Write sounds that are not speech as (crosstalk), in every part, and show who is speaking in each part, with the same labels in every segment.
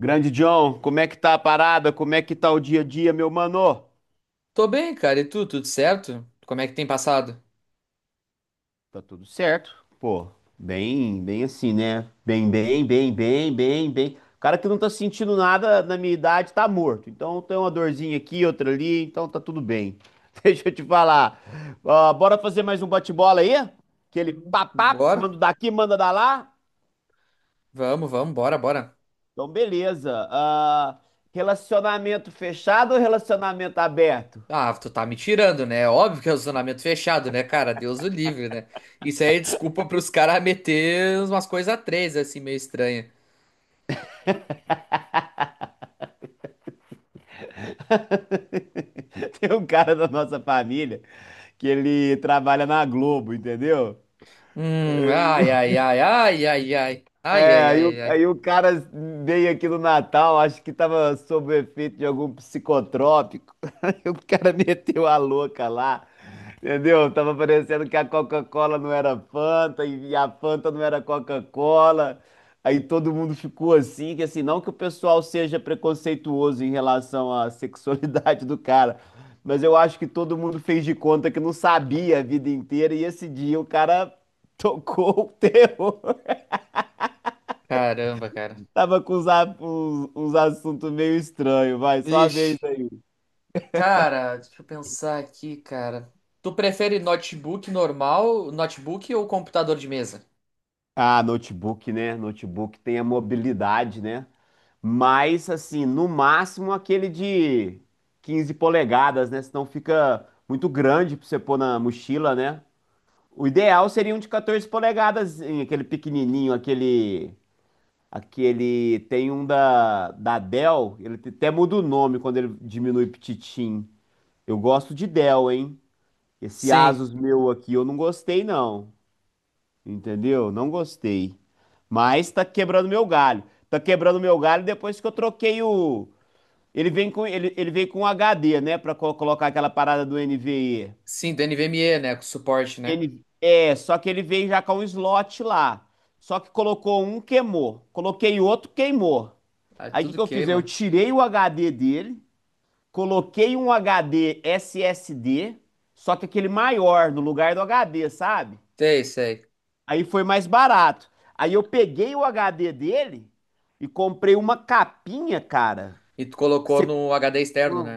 Speaker 1: Grande John, como é que tá a parada? Como é que tá o dia a dia, meu mano?
Speaker 2: Tô bem, cara. E tu, tudo certo? Como é que tem passado?
Speaker 1: Tá tudo certo? Pô, bem, bem assim, né? Bem, bem, bem, bem, bem, bem. O cara que não tá sentindo nada na minha idade tá morto. Então tem uma dorzinha aqui, outra ali, então tá tudo bem. (laughs) Deixa eu te falar. Ó, bora fazer mais um bate-bola aí? Aquele papá,
Speaker 2: Bora?
Speaker 1: manda daqui, manda da lá.
Speaker 2: Vamos, bora, bora.
Speaker 1: Então, beleza. Ah, relacionamento fechado ou relacionamento aberto?
Speaker 2: Ah, tu tá me tirando, né? Óbvio que é o zonamento fechado, né, cara? Deus o livre, né? Isso aí é desculpa pros caras meter umas coisas a três, assim, meio estranha.
Speaker 1: (laughs) Tem um cara da nossa família que ele trabalha na Globo, entendeu?
Speaker 2: Ai, ai, ai, ai, ai, ai. Ai,
Speaker 1: É,
Speaker 2: ai,
Speaker 1: aí,
Speaker 2: ai, ai,
Speaker 1: o-
Speaker 2: ai.
Speaker 1: aí o cara veio aqui no Natal, acho que tava sob o efeito de algum psicotrópico. (laughs) Aí o cara meteu a louca lá, entendeu? Tava parecendo que a Coca-Cola não era Fanta e a Fanta não era Coca-Cola. Aí todo mundo ficou assim, que assim, não que o pessoal seja preconceituoso em relação à sexualidade do cara, mas eu acho que todo mundo fez de conta que não sabia a vida inteira e esse dia o cara (laughs) tocou o terror.
Speaker 2: Caramba, cara.
Speaker 1: Tava com uns assuntos meio estranhos, vai, só a
Speaker 2: Vixe,
Speaker 1: vez aí.
Speaker 2: cara, deixa eu pensar aqui, cara. Tu prefere notebook normal, notebook ou computador de mesa?
Speaker 1: Ah, notebook, né? Notebook tem a mobilidade, né? Mas, assim, no máximo aquele de 15 polegadas, né? Senão fica muito grande pra você pôr na mochila, né? O ideal seria um de 14 polegadas, em aquele pequenininho, aquele. Aquele. Tem um da, da Dell, ele até muda o nome quando ele diminui pititim. Eu gosto de Dell, hein? Esse
Speaker 2: Sim,
Speaker 1: Asus meu aqui eu não gostei, não. Entendeu? Não gostei. Mas tá quebrando meu galho. Tá quebrando meu galho depois que eu troquei o. Ele vem com HD, né? Pra colocar aquela parada do NVE.
Speaker 2: sim, do NVMe, né? Com suporte, né?
Speaker 1: N é, só que ele veio já com um slot lá. Só que colocou um, queimou. Coloquei outro, queimou.
Speaker 2: Ah,
Speaker 1: Aí o que
Speaker 2: tudo
Speaker 1: que eu fiz? Eu
Speaker 2: queima.
Speaker 1: tirei o HD dele, coloquei um HD SSD, só que aquele maior no lugar do HD, sabe?
Speaker 2: Sei, sei.
Speaker 1: Aí foi mais barato. Aí eu peguei o HD dele e comprei uma capinha, cara.
Speaker 2: E tu colocou
Speaker 1: Você-
Speaker 2: no HD externo, né?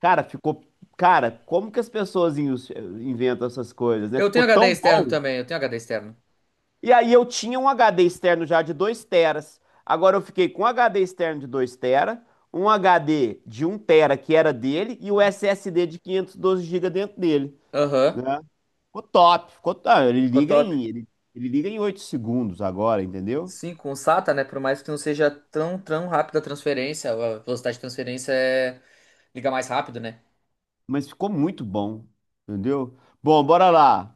Speaker 1: Cara, ficou. Cara, como que as pessoas inventam essas coisas, né?
Speaker 2: Eu
Speaker 1: Ficou
Speaker 2: tenho HD
Speaker 1: tão
Speaker 2: externo
Speaker 1: bom.
Speaker 2: também, eu tenho HD externo.
Speaker 1: E aí eu tinha um HD externo já de 2 teras. Agora eu fiquei com um HD externo de 2 tera, um HD de um tera que era dele e o SSD de 512 GB dentro dele,
Speaker 2: Aham.
Speaker 1: né? Ficou top, ficou top. Ele
Speaker 2: Ficou
Speaker 1: liga
Speaker 2: top.
Speaker 1: em, ele, ele liga em 8 segundos agora, entendeu?
Speaker 2: Sim, com o SATA, né? Por mais que não seja tão rápida a transferência, a velocidade de transferência é liga mais rápido, né?
Speaker 1: Mas ficou muito bom, entendeu? Bom, bora lá.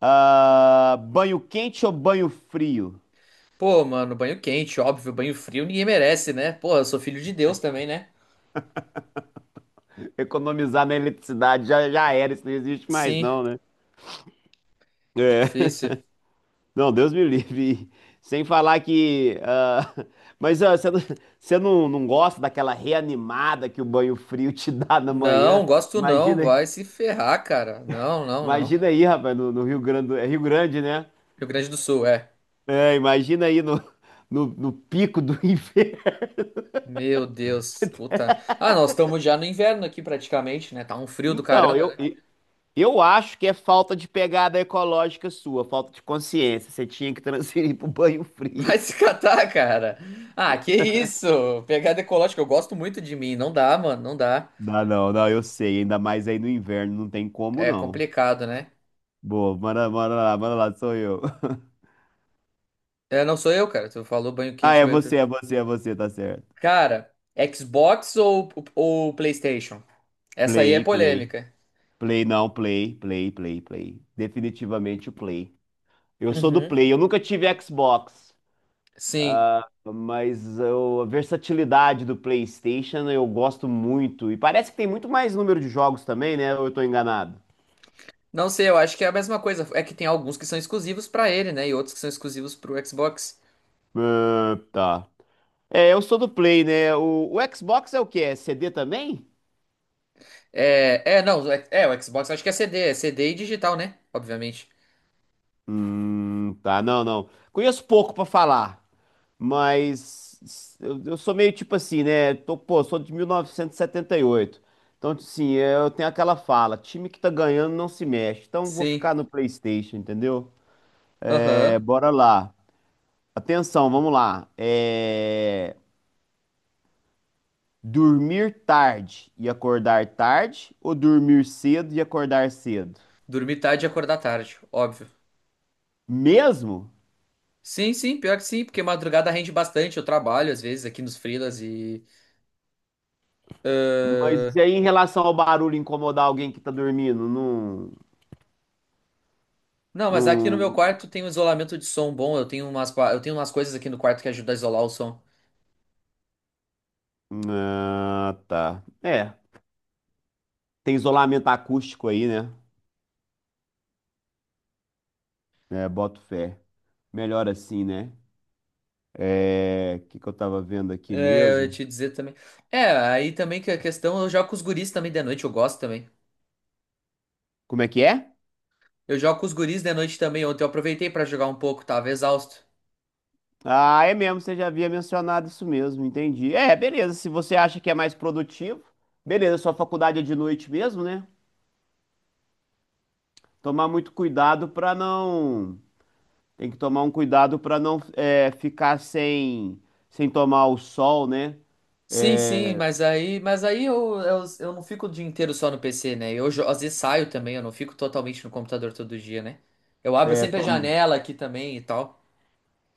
Speaker 1: Ah, banho quente ou banho frio?
Speaker 2: Pô, mano, banho quente, óbvio, banho frio ninguém merece, né? Pô, eu sou filho de Deus também, né?
Speaker 1: Economizar na eletricidade já, já era, isso não existe mais,
Speaker 2: Sim,
Speaker 1: não, né? É. (laughs)
Speaker 2: difícil.
Speaker 1: Não, Deus me livre. Sem falar que. Mas ah, você não, você não gosta daquela reanimada que o banho frio te dá na manhã?
Speaker 2: Não, gosto não,
Speaker 1: Imagina,
Speaker 2: vai se ferrar, cara. Não, não, não.
Speaker 1: imagina aí, rapaz, no, no, Rio Grande. É Rio Grande, né?
Speaker 2: Rio Grande do Sul, é.
Speaker 1: É, imagina aí no, no pico do (laughs) inverno.
Speaker 2: Meu Deus, puta. Ah, nós estamos já no inverno aqui praticamente, né? Tá um frio do
Speaker 1: Então,
Speaker 2: caramba,
Speaker 1: eu,
Speaker 2: né?
Speaker 1: Eu acho que é falta de pegada ecológica sua, falta de consciência. Você tinha que (laughs) transferir pro banho
Speaker 2: (laughs)
Speaker 1: frio.
Speaker 2: Vai se catar, cara. Ah, que isso? Pegada ecológica, eu gosto muito de mim. Não dá, mano, não dá.
Speaker 1: Não, não, não, eu sei. Ainda mais aí no inverno, não tem como
Speaker 2: É
Speaker 1: não.
Speaker 2: complicado, né?
Speaker 1: Boa, manda, manda lá, sou eu. (laughs)
Speaker 2: É, não sou eu, cara. Tu falou banho
Speaker 1: Ah,
Speaker 2: quente,
Speaker 1: é
Speaker 2: banho
Speaker 1: você, é
Speaker 2: frio.
Speaker 1: você, é você, tá certo.
Speaker 2: Cara, Xbox ou PlayStation? Essa aí é
Speaker 1: Play, play.
Speaker 2: polêmica.
Speaker 1: Play, não, play, play, play, play. Definitivamente o play. Eu sou do
Speaker 2: Uhum.
Speaker 1: play, eu nunca tive Xbox.
Speaker 2: Sim.
Speaker 1: Ah, mas eu- a versatilidade do PlayStation eu gosto muito. E parece que tem muito mais número de jogos também, né? Ou eu tô enganado?
Speaker 2: Não sei, eu acho que é a mesma coisa. É que tem alguns que são exclusivos pra ele, né? E outros que são exclusivos pro Xbox.
Speaker 1: Ah, tá. É, eu sou do Play, né? O Xbox é o quê? É CD também?
Speaker 2: É, é, não, é, é, o Xbox acho que é CD, é CD e digital, né? Obviamente.
Speaker 1: Tá. Não, não. Conheço pouco pra falar. Mas eu sou meio tipo assim, né? Pô, sou de 1978. Então, assim, eu tenho aquela fala: time que tá ganhando não se mexe. Então, vou
Speaker 2: Sim,
Speaker 1: ficar no PlayStation, entendeu? É,
Speaker 2: aham.
Speaker 1: bora lá. Atenção, vamos lá. É, dormir tarde e acordar tarde ou dormir cedo e acordar cedo?
Speaker 2: Dormir tarde e acordar tarde, óbvio.
Speaker 1: Mesmo?
Speaker 2: Sim, sim, pior que sim, porque madrugada rende bastante. Eu trabalho às vezes aqui nos freelas e ãh,
Speaker 1: Mas e aí em relação ao barulho incomodar alguém que tá dormindo? Não,
Speaker 2: não, mas aqui no meu
Speaker 1: não,
Speaker 2: quarto tem um isolamento de som bom. Eu tenho umas, eu tenho umas coisas aqui no quarto que ajudam a isolar o som.
Speaker 1: ah, tá. É, tem isolamento acústico aí, né? É, boto fé. Melhor assim, né? É, o que que eu tava vendo aqui
Speaker 2: É, eu ia
Speaker 1: mesmo?
Speaker 2: te dizer também. É, aí também que a questão, eu jogo com os guris também de noite, eu gosto também.
Speaker 1: Como é que é?
Speaker 2: Eu jogo com os guris de noite também. Ontem eu aproveitei pra jogar um pouco, tava exausto.
Speaker 1: Ah, é mesmo, você já havia mencionado isso mesmo, entendi. É, beleza, se você acha que é mais produtivo, beleza, sua faculdade é de noite mesmo, né? Tomar muito cuidado pra não. Tem que tomar um cuidado pra não é, ficar sem tomar o sol, né?
Speaker 2: Sim, sim, mas aí eu não fico o dia inteiro só no PC, né? Eu às vezes saio também, eu não fico totalmente no computador todo dia, né? Eu abro
Speaker 1: É,
Speaker 2: sempre a janela aqui também e tal.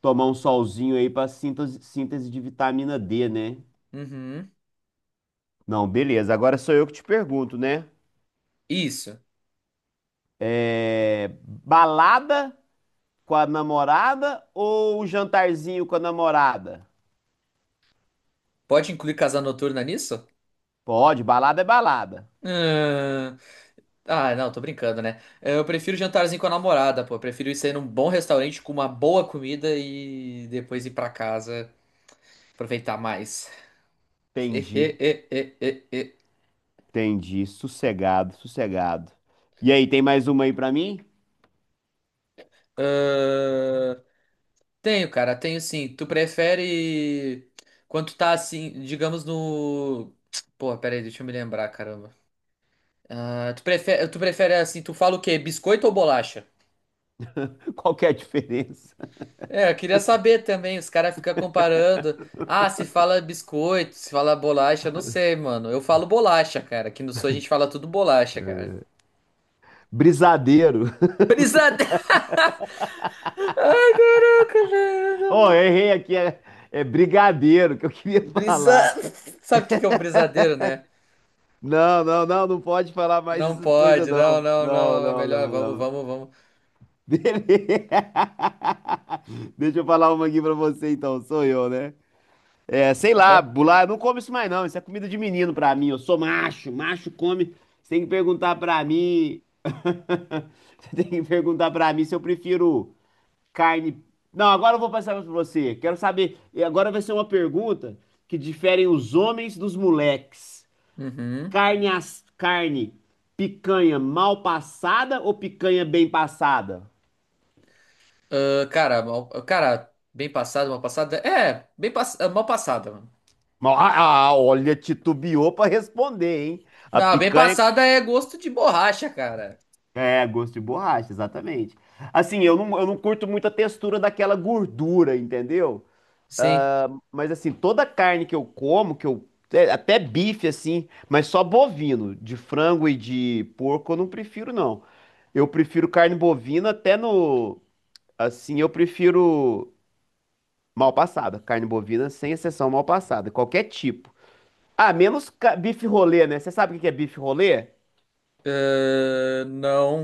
Speaker 1: tomar um solzinho aí pra síntese, síntese de vitamina D, né?
Speaker 2: Uhum.
Speaker 1: Não, beleza, agora sou eu que te pergunto, né?
Speaker 2: Isso.
Speaker 1: É, balada com a namorada ou um jantarzinho com a namorada?
Speaker 2: Pode incluir casa noturna nisso?
Speaker 1: Pode, balada é balada.
Speaker 2: Ahn, Ah, não, tô brincando, né? Eu prefiro jantarzinho com a namorada, pô. Eu prefiro ir sair num bom restaurante com uma boa comida e depois ir pra casa aproveitar mais.
Speaker 1: Entendi,
Speaker 2: (laughs)
Speaker 1: entendi. Sossegado, sossegado. E aí, tem mais uma aí pra mim?
Speaker 2: Ahn, tenho, cara, tenho sim. Tu prefere quando tu tá assim, digamos no. Porra, pera aí, deixa eu me lembrar, caramba. Ah, tu prefere assim, tu fala o quê? Biscoito ou bolacha?
Speaker 1: (laughs) Qual que é a diferença?
Speaker 2: É, eu queria saber também, os caras ficam comparando. Ah, se fala biscoito, se fala bolacha, eu não sei, mano. Eu falo bolacha, cara. Aqui no sul a gente fala tudo bolacha, cara.
Speaker 1: É. Brisadeiro.
Speaker 2: Brisadeiro! (laughs) Ai, caraca,
Speaker 1: Oh,
Speaker 2: velho.
Speaker 1: eu errei aqui, é, é brigadeiro que eu queria (laughs)
Speaker 2: Brisa.
Speaker 1: falar.
Speaker 2: (laughs) Sabe o que que é um brisadeiro, né?
Speaker 1: Não, não, não, não pode falar mais
Speaker 2: Não
Speaker 1: essas coisas,
Speaker 2: pode, não,
Speaker 1: não.
Speaker 2: não,
Speaker 1: Não,
Speaker 2: não. É
Speaker 1: não,
Speaker 2: melhor,
Speaker 1: não,
Speaker 2: vamos,
Speaker 1: não.
Speaker 2: vamos, vamos.
Speaker 1: Beleza. (laughs) Deixa eu falar uma aqui pra você, então. Sou eu, né? É, sei lá,
Speaker 2: Aham.
Speaker 1: bular, eu não como isso mais não. Isso é comida de menino pra mim. Eu sou macho, macho come. Você tem que perguntar pra mim. (laughs) Você tem que perguntar pra mim se eu prefiro carne. Não, agora eu vou passar pra você. Quero saber. E agora vai ser uma pergunta que diferem os homens dos moleques.
Speaker 2: Uhum.
Speaker 1: Carne, as... carne, picanha mal passada ou picanha bem passada?
Speaker 2: Ah, cara, mal, cara, bem passada, mal passada. É, mal passada, mano.
Speaker 1: Ó, Ah, ah, olha, titubeou pra responder, hein? A
Speaker 2: Não, bem
Speaker 1: picanha.
Speaker 2: passada é gosto de borracha, cara.
Speaker 1: É, gosto de borracha, exatamente. Assim, eu não curto muito a textura daquela gordura, entendeu?
Speaker 2: Sim.
Speaker 1: Ah, mas assim, toda carne que eu como, que eu. É, até bife, assim, mas só bovino. De frango e de porco eu não prefiro, não. Eu prefiro carne bovina até no. Assim, eu prefiro mal passada. Carne bovina, sem exceção, mal passada. Qualquer tipo. Ah, menos bife rolê, né? Você sabe o que que é bife rolê?
Speaker 2: Ah, não,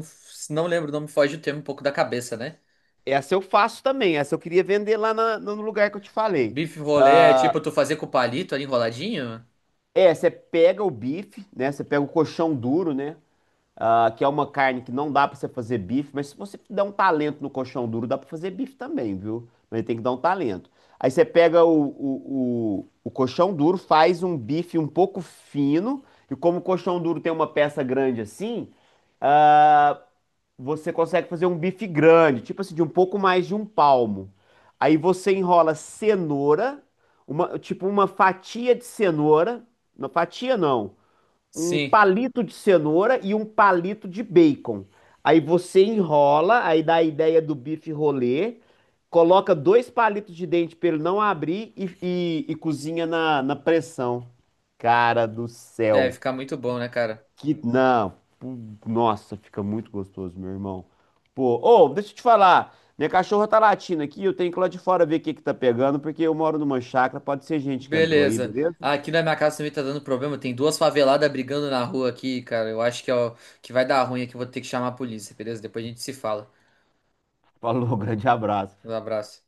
Speaker 2: não lembro, não me foge o termo um pouco da cabeça, né?
Speaker 1: Essa eu faço também. Essa eu queria vender lá no lugar que eu te falei.
Speaker 2: Bife rolê é
Speaker 1: Ah,
Speaker 2: tipo tu fazer com o palito ali enroladinho?
Speaker 1: é, você pega o bife, né? Você pega o coxão duro, né? Ah, que é uma carne que não dá pra você fazer bife, mas se você der um talento no coxão duro, dá pra fazer bife também, viu? Mas tem que dar um talento. Aí você pega o colchão duro, faz um bife um pouco fino, e como o colchão duro tem uma peça grande assim, ah, você consegue fazer um bife grande, tipo assim, de um pouco mais de um palmo. Aí você enrola cenoura, uma, tipo uma fatia de cenoura, não fatia não, um
Speaker 2: Sim,
Speaker 1: palito de cenoura e um palito de bacon. Aí você enrola, aí dá a ideia do bife rolê, coloca dois palitos de dente para ele não abrir e cozinha na, na pressão. Cara do
Speaker 2: deve
Speaker 1: céu,
Speaker 2: ficar muito bom, né, cara?
Speaker 1: que, não, nossa, fica muito gostoso, meu irmão. Pô, ô, deixa eu te falar. Minha cachorra tá latindo aqui, eu tenho que ir lá de fora ver o que que tá pegando, porque eu moro numa chácara, pode ser gente que entrou aí,
Speaker 2: Beleza.
Speaker 1: beleza?
Speaker 2: Aqui na minha casa também tá dando problema. Tem duas faveladas brigando na rua aqui, cara. Eu acho que, ó, que vai dar ruim aqui. Eu Vou ter que chamar a polícia, beleza? Depois a gente se fala.
Speaker 1: Falou, (laughs) grande abraço.
Speaker 2: Um abraço.